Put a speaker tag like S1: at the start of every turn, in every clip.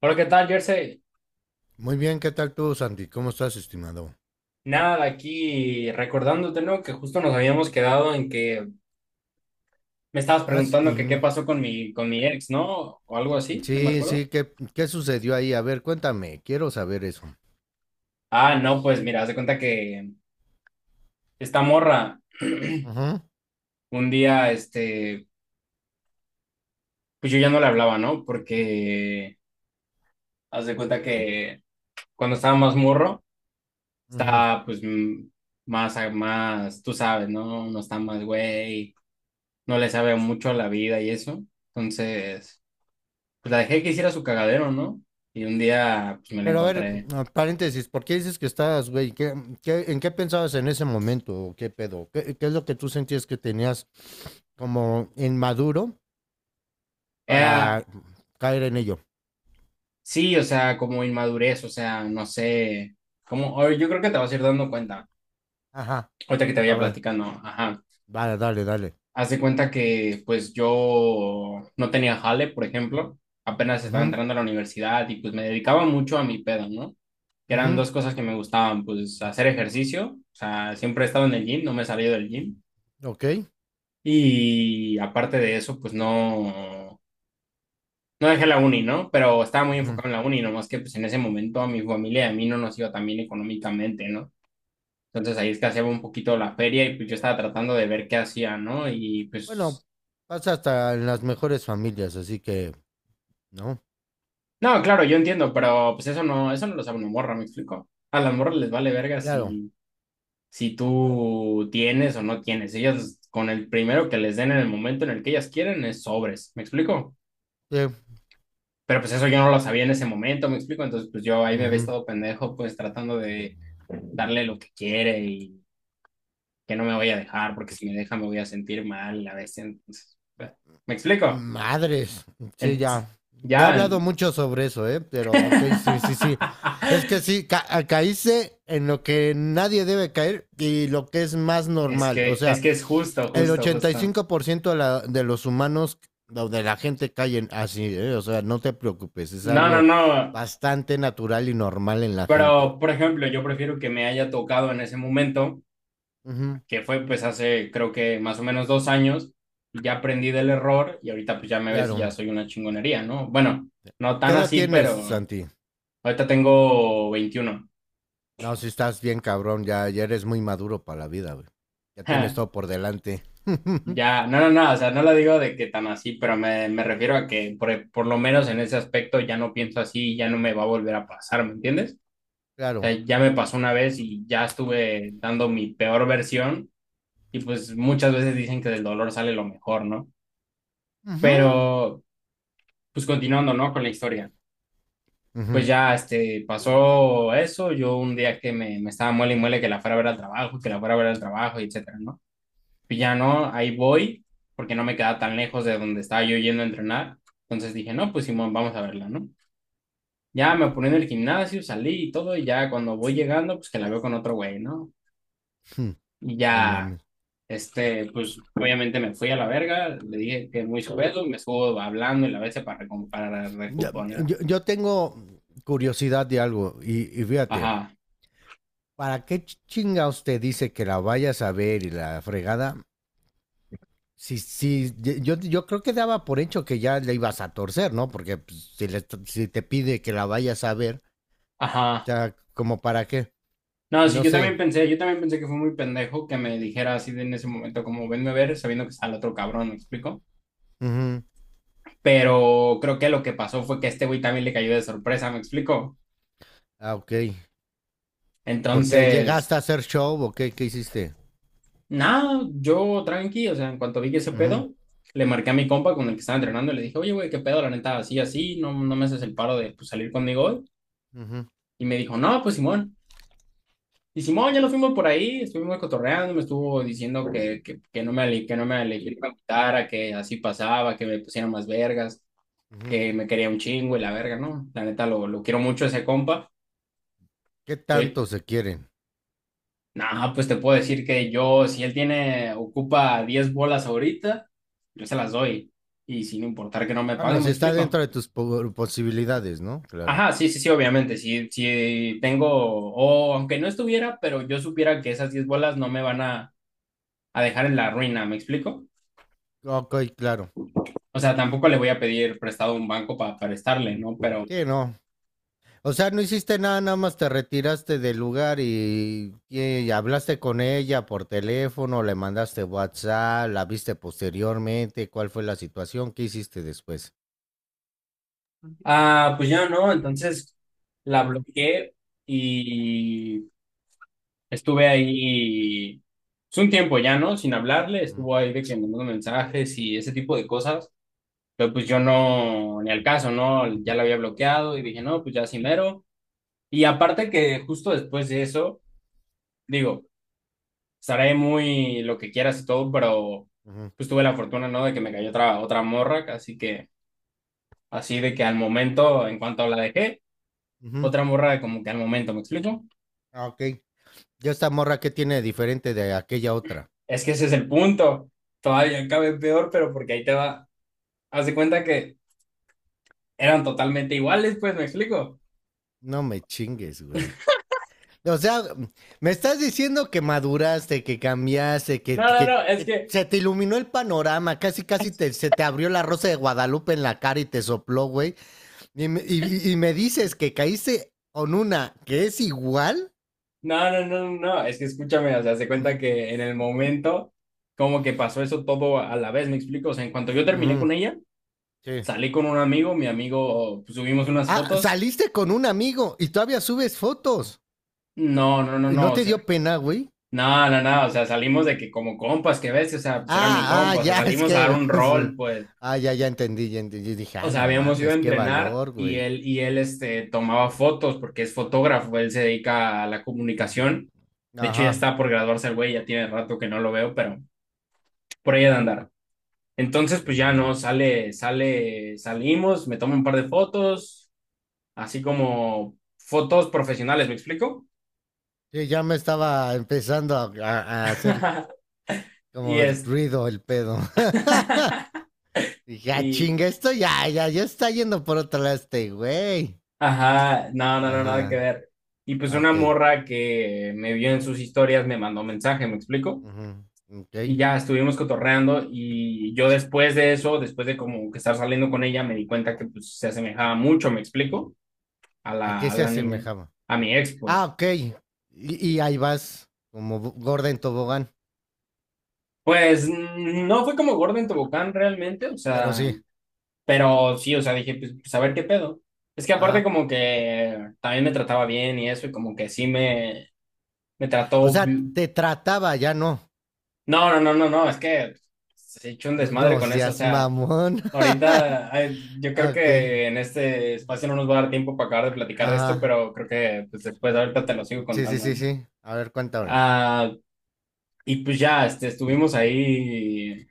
S1: Hola, ¿qué tal, Jersey?
S2: Muy bien, ¿qué tal tú, Santi? ¿Cómo estás, estimado?
S1: Nada, aquí recordándote, ¿no? Que justo nos habíamos quedado en que me estabas
S2: Ah, s-
S1: preguntando que qué
S2: mm,
S1: pasó con con mi ex, ¿no? O algo así, no me
S2: sí,
S1: acuerdo.
S2: sí, ¿qué sucedió ahí? A ver, cuéntame, quiero saber eso.
S1: Ah, no, pues mira, haz de cuenta que esta morra,
S2: Ujú,
S1: un día, este, pues yo ya no le hablaba, ¿no? Porque haz de cuenta que cuando estaba más morro,
S2: ujú.
S1: estaba pues más, más, tú sabes, ¿no? No está más güey, no le sabe mucho a la vida y eso. Entonces pues la dejé que hiciera su cagadero, ¿no? Y un día, pues me la
S2: Pero a ver,
S1: encontré.
S2: paréntesis, ¿por qué dices que estabas, güey? ¿En qué pensabas en ese momento? ¿O ¿Qué pedo? ¿Qué es lo que tú sentías que tenías como inmaduro
S1: Era,
S2: para caer en ello?
S1: sí, o sea, como inmadurez, o sea, no sé, como, o yo creo que te vas a ir dando cuenta,
S2: Ajá,
S1: ahorita que te
S2: a
S1: vaya
S2: ver,
S1: platicando, ajá.
S2: vale, dale, dale.
S1: Haz de cuenta que, pues yo no tenía jale, por ejemplo, apenas estaba
S2: Ujú,
S1: entrando a la universidad y pues me dedicaba mucho a mi pedo, ¿no? Que eran
S2: ujú,
S1: dos cosas que me gustaban, pues hacer ejercicio, o sea, siempre he estado en el gym, no me he salido del gym.
S2: ok.
S1: Y aparte de eso, pues no, no dejé la uni, ¿no? Pero estaba muy
S2: Ujú.
S1: enfocado en la uni, nomás que pues en ese momento a mi familia y a mí no nos iba tan bien económicamente, ¿no? Entonces ahí escaseaba un poquito la feria y pues yo estaba tratando de ver qué hacía, ¿no? Y
S2: Bueno,
S1: pues,
S2: pasa hasta en las mejores familias, así que, ¿no?
S1: no, claro, yo entiendo, pero pues eso no lo sabe una morra, ¿me explico? A las morras les vale verga
S2: Claro.
S1: si tú tienes o no tienes. Ellas con el primero que les den en el momento en el que ellas quieren es sobres, ¿me explico?
S2: Sí.
S1: Pero pues eso yo no lo sabía en ese momento, me explico. Entonces, pues yo ahí me había
S2: Ujú.
S1: estado pendejo, pues tratando de darle lo que quiere y que no me voy a dejar, porque si me deja me voy a sentir mal a veces. Entonces, pues, me explico.
S2: Madres. Sí,
S1: En-
S2: ya. Ya he
S1: ya.
S2: hablado mucho sobre eso, ¿eh? Pero, ok, sí, sí, sí. Es que sí, caíste en lo que nadie debe caer y lo que es más
S1: Es
S2: normal. O
S1: que, es
S2: sea,
S1: que es justo,
S2: el
S1: justo, justo.
S2: 85% de los humanos o de la gente caen así, ¿eh? O sea, no te preocupes, es
S1: No, no,
S2: algo
S1: no.
S2: bastante natural y normal en la gente.
S1: Pero, por ejemplo, yo prefiero que me haya tocado en ese momento
S2: Ujú,
S1: que fue pues hace creo que más o menos 2 años, ya aprendí del error y ahorita pues ya me ves y ya
S2: claro.
S1: soy una chingonería, ¿no? Bueno, no
S2: ¿Qué
S1: tan
S2: edad
S1: así,
S2: tienes,
S1: pero
S2: Santi?
S1: ahorita tengo 21.
S2: No, si estás bien cabrón, ya, ya eres muy maduro para la vida, güey. Ya tienes todo por delante.
S1: Ya, no, no, no, o sea, no lo digo de que tan así, pero me refiero a que por lo menos en ese aspecto ya no pienso así, ya no me va a volver a pasar, ¿me entiendes? O sea,
S2: Claro.
S1: ya me pasó una vez y ya estuve dando mi peor versión y pues muchas veces dicen que del dolor sale lo mejor, ¿no? Pero pues continuando, ¿no? Con la historia. Pues
S2: Ujú.
S1: ya, este, pasó eso, yo un día que me estaba muele y muele que la fuera a ver al trabajo, que la fuera a ver al trabajo, y etcétera, ¿no? Pues ya no, ahí voy, porque no me quedaba tan lejos de donde estaba yo yendo a entrenar, entonces dije, no, pues Simón, vamos a verla, ¿no? Ya me puse en el gimnasio, salí y todo, y ya cuando voy llegando, pues que la veo con otro güey, ¿no? Y
S2: No
S1: ya,
S2: mames.
S1: este, pues obviamente me fui a la verga, le dije que muy sujeto, me estuvo hablando y la vez para
S2: Yo,
S1: recuponer.
S2: Yo, yo tengo curiosidad de algo y fíjate,
S1: Ajá,
S2: ¿para qué chinga usted dice que la vayas a ver y la fregada? Si, si, Yo creo que daba por hecho que ya le ibas a torcer, ¿no? Porque pues, si te pide que la vayas a ver,
S1: ajá.
S2: ya como para qué,
S1: No, sí,
S2: no sé.
S1: yo también pensé que fue muy pendejo que me dijera así de en ese momento, como venme a ver, sabiendo que está el otro cabrón, ¿me explico?
S2: Ujú.
S1: Pero creo que lo que pasó fue que este güey también le cayó de sorpresa, ¿me explico?
S2: Ah, ok. Porque
S1: Entonces,
S2: llegaste a hacer show o qué, qué hiciste.
S1: nada, yo tranqui, o sea, en cuanto vi que ese
S2: Ujú,
S1: pedo, le marqué a mi compa con el que estaba entrenando y le dije, oye, güey, qué pedo, la neta, así, así, no, no me haces el paro de pues, salir conmigo hoy.
S2: ujú,
S1: Y me dijo, no, pues Simón. Y Simón, ya nos fuimos por ahí, estuvimos cotorreando, me estuvo diciendo que no me, ale- que no me ale- que me gustara, que así pasaba, que me pusiera más vergas,
S2: ujú.
S1: que me quería un chingo y la verga, ¿no? La neta, lo quiero mucho a ese compa.
S2: ¿Qué
S1: Que,
S2: tanto
S1: ahorita,
S2: se quieren?
S1: nah, pues te puedo decir que yo, si él tiene, ocupa 10 bolas ahorita, yo se las doy. Y sin importar que no me
S2: Bueno,
S1: paguen, ¿me
S2: si está
S1: explico?
S2: dentro de tus posibilidades, ¿no? Claro.
S1: Ajá, sí, sí, sí, obviamente, si tengo, o aunque no estuviera, pero yo supiera que esas 10 bolas no me van a dejar en la ruina, ¿me explico?
S2: Ok, claro.
S1: O sea, tampoco le voy a pedir prestado a un banco para prestarle, ¿no? Pero,
S2: Sí, no. O sea, no hiciste nada, nada más te retiraste del lugar y hablaste con ella por teléfono, le mandaste WhatsApp, la viste posteriormente, cuál fue la situación, qué hiciste después.
S1: ah, pues ya no, entonces la bloqueé y estuve ahí pues, un tiempo ya, ¿no? Sin hablarle,
S2: Ujú,
S1: estuvo ahí de que mandando mensajes y ese tipo de cosas, pero pues yo no, ni al caso, ¿no? Ya la había bloqueado y dije, no, pues ya sí mero. Y aparte que justo después de eso, digo, estaré muy lo que quieras y todo, pero
S2: ujú,
S1: pues tuve la fortuna, ¿no? De que me cayó otra morra, así que así de que al momento, en cuanto la dejé,
S2: ujú.
S1: otra morra como que al momento, ¿me explico?
S2: Ah, ok. Ya esta morra qué tiene diferente de aquella otra.
S1: Es que ese es el punto. Todavía cabe peor, pero porque ahí te va. Haz de cuenta que eran totalmente iguales, pues, ¿me explico?
S2: No me chingues, güey. O sea, me estás diciendo que maduraste, que cambiaste,
S1: No, no, no, es
S2: que
S1: que,
S2: se te iluminó el panorama, casi, casi te, se te abrió la rosa de Guadalupe en la cara y te sopló, güey. Y me dices que caíste con una que es igual.
S1: no, no, no, no, no, es que escúchame, o sea, haz de cuenta que en el momento, como que pasó eso todo a la vez, ¿me explico? O sea, en cuanto yo terminé con
S2: Ujú,
S1: ella,
S2: sí.
S1: salí con un amigo, mi amigo, pues, subimos unas
S2: Ah,
S1: fotos.
S2: saliste con un amigo y todavía subes fotos.
S1: No, no, no,
S2: ¿Y
S1: no,
S2: no
S1: o
S2: te
S1: sea,
S2: dio pena, güey?
S1: no, no, no, o sea, salimos de que como compas, que ves, o sea, pues era mi
S2: Ah, ah,
S1: compa, o sea,
S2: ya, es
S1: salimos a dar
S2: que...
S1: un rol, pues,
S2: Ah, ya, ya entendí, ya entendí. Dije,
S1: o
S2: ah,
S1: sea,
S2: no
S1: habíamos ido a
S2: mames, qué
S1: entrenar
S2: valor,
S1: y
S2: güey.
S1: él, este, tomaba fotos porque es fotógrafo, él se dedica a la
S2: Ujú.
S1: comunicación, de hecho ya
S2: Ajá.
S1: está por graduarse el güey, ya tiene rato que no lo veo, pero por ahí ha de andar. Entonces, pues ya
S2: Ujú.
S1: no, sale, sale, salimos, me tomo un par de fotos, así como fotos profesionales, ¿me explico?
S2: Sí, ya me estaba empezando a, a hacer
S1: Y
S2: como
S1: es,
S2: ruido el pedo. Dije, ah,
S1: y,
S2: chinga, esto ya, ya, ya está yendo por otro lado este güey.
S1: Ajá, no, no, no, nada que
S2: Ajá,
S1: ver. Y pues
S2: ah,
S1: una
S2: ok.
S1: morra que me vio en sus historias me mandó mensaje, ¿me explico?
S2: Ujú, ok.
S1: Y ya estuvimos cotorreando y yo después de eso, después de como que estar saliendo con ella, me di cuenta que pues se asemejaba mucho, ¿me explico? A
S2: ¿A qué
S1: la, a
S2: se
S1: la niña,
S2: asemejaba?
S1: a mi ex,
S2: Ah,
S1: pues.
S2: ok. Y ahí vas, como gorda en tobogán.
S1: Pues mm, no fue como Gordon en Tobogán realmente, o
S2: Pero
S1: sea,
S2: sí,
S1: pero sí, o sea, dije, pues, pues a ver qué pedo. Es que aparte
S2: ajá.
S1: como que también me trataba bien y eso, y como que sí me
S2: O
S1: trató.
S2: sea, te trataba, ya no.
S1: No, no, no, no, no, es que se ha hecho un
S2: No
S1: desmadre con eso, o
S2: seas
S1: sea,
S2: mamón.
S1: ahorita ay, yo creo
S2: Ok,
S1: que en este espacio no nos va a dar tiempo para acabar de platicar de esto,
S2: ajá.
S1: pero creo que pues, después ahorita te lo sigo
S2: Sí, sí,
S1: contando,
S2: sí,
S1: ¿no?
S2: sí. A ver, cuéntame.
S1: Ah, y pues ya, este, estuvimos ahí,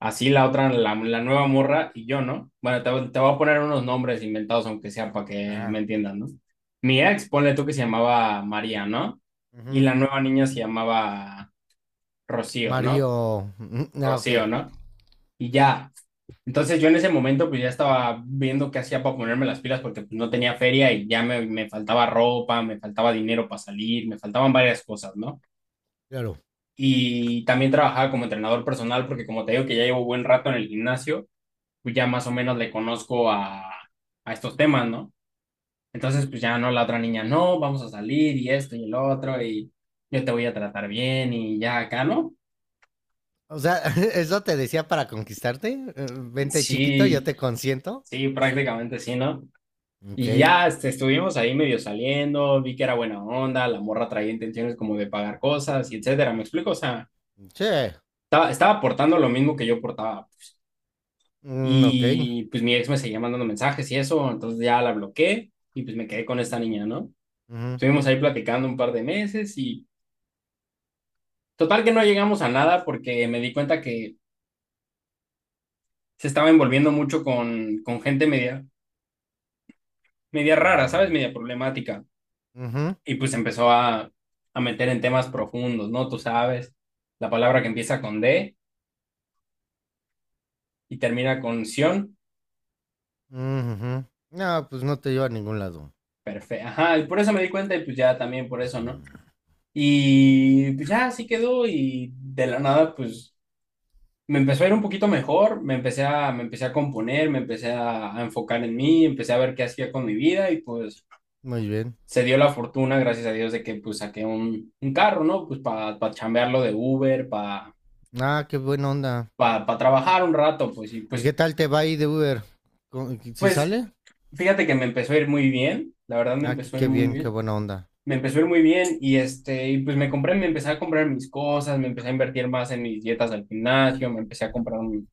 S1: así la otra, la nueva morra y yo, ¿no? Bueno, te voy a poner unos nombres inventados, aunque sea para que me
S2: Ajá.
S1: entiendan, ¿no? Mi ex, ponle tú que se llamaba María, ¿no? Y
S2: Ujú.
S1: la nueva niña se llamaba Rocío, ¿no?
S2: Mario. Ah, ok,
S1: Rocío, ¿no? Y ya, entonces yo en ese momento pues ya estaba viendo qué hacía para ponerme las pilas porque pues, no tenía feria y ya me faltaba ropa, me faltaba dinero para salir, me faltaban varias cosas, ¿no?
S2: claro.
S1: Y también trabajaba como entrenador personal porque como te digo que ya llevo buen rato en el gimnasio, pues ya más o menos le conozco a estos temas, ¿no? Entonces pues ya no, la otra niña, no, vamos a salir y esto y el otro y yo te voy a tratar bien y ya acá, ¿no?
S2: O sea, ¿eso te decía para conquistarte? Vente chiquito, yo
S1: Sí,
S2: te consiento.
S1: sí, prácticamente sí, ¿no?
S2: Ok.
S1: Y ya este, estuvimos ahí medio saliendo, vi que era buena onda, la morra traía intenciones como de pagar cosas y etcétera, ¿me explico? O sea,
S2: Che.
S1: estaba, estaba portando lo mismo que yo portaba.
S2: Mm, ok.
S1: Y pues mi ex me seguía mandando mensajes y eso, entonces ya la bloqueé y pues me quedé con esta niña, ¿no?
S2: Ujú.
S1: Estuvimos ahí platicando un par de meses y total que no llegamos a nada porque me di cuenta que se estaba envolviendo mucho con gente media, media rara, ¿sabes?
S2: Mm,
S1: Media problemática.
S2: ujú,
S1: Y pues empezó a, meter en temas profundos, ¿no? Tú sabes, la palabra que empieza con D y termina con Sion,
S2: ujú. No, pues no te lleva a ningún lado.
S1: perfecto. Ajá, y por eso me di cuenta y pues ya también por eso,
S2: Ujú.
S1: ¿no? Y pues ya así quedó y de la nada pues me empezó a ir un poquito mejor, me empecé a componer, me empecé a enfocar en mí, empecé a ver qué hacía con mi vida y pues
S2: Muy bien.
S1: se dio la fortuna, gracias a Dios, de que pues saqué un carro, ¿no? Pues para pa chambearlo de Uber,
S2: Ah, qué buena onda.
S1: para pa trabajar un rato, pues, y
S2: ¿Y qué
S1: pues
S2: tal te va ahí de Uber? ¿Si
S1: Pues
S2: sale?
S1: fíjate que me empezó a ir muy bien, la verdad me
S2: Ah, qué,
S1: empezó a ir
S2: qué
S1: muy
S2: bien, qué
S1: bien.
S2: buena onda.
S1: Me empezó a ir muy bien y este, y pues me compré, me empecé a comprar mis cosas, me empecé a invertir más en mis dietas al gimnasio, me empecé a comprar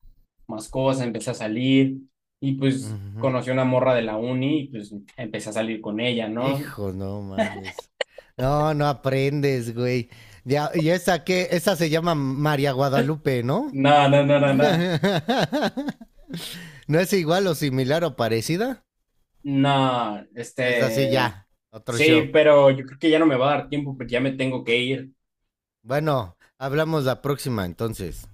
S1: más cosas, empecé a salir y pues
S2: Ujú.
S1: conocí a una morra de la uni y pues empecé a salir con ella, ¿no?
S2: Hijo, no mames. No, no aprendes, güey. Ya, y esa que, esa se llama María Guadalupe, ¿no?
S1: No, no, no, no, no.
S2: ¿No es igual o similar o parecida?
S1: No,
S2: Es así
S1: este,
S2: ya, otro
S1: sí,
S2: show.
S1: pero yo creo que ya no me va a dar tiempo porque ya me tengo que ir.
S2: Bueno, hablamos la próxima entonces.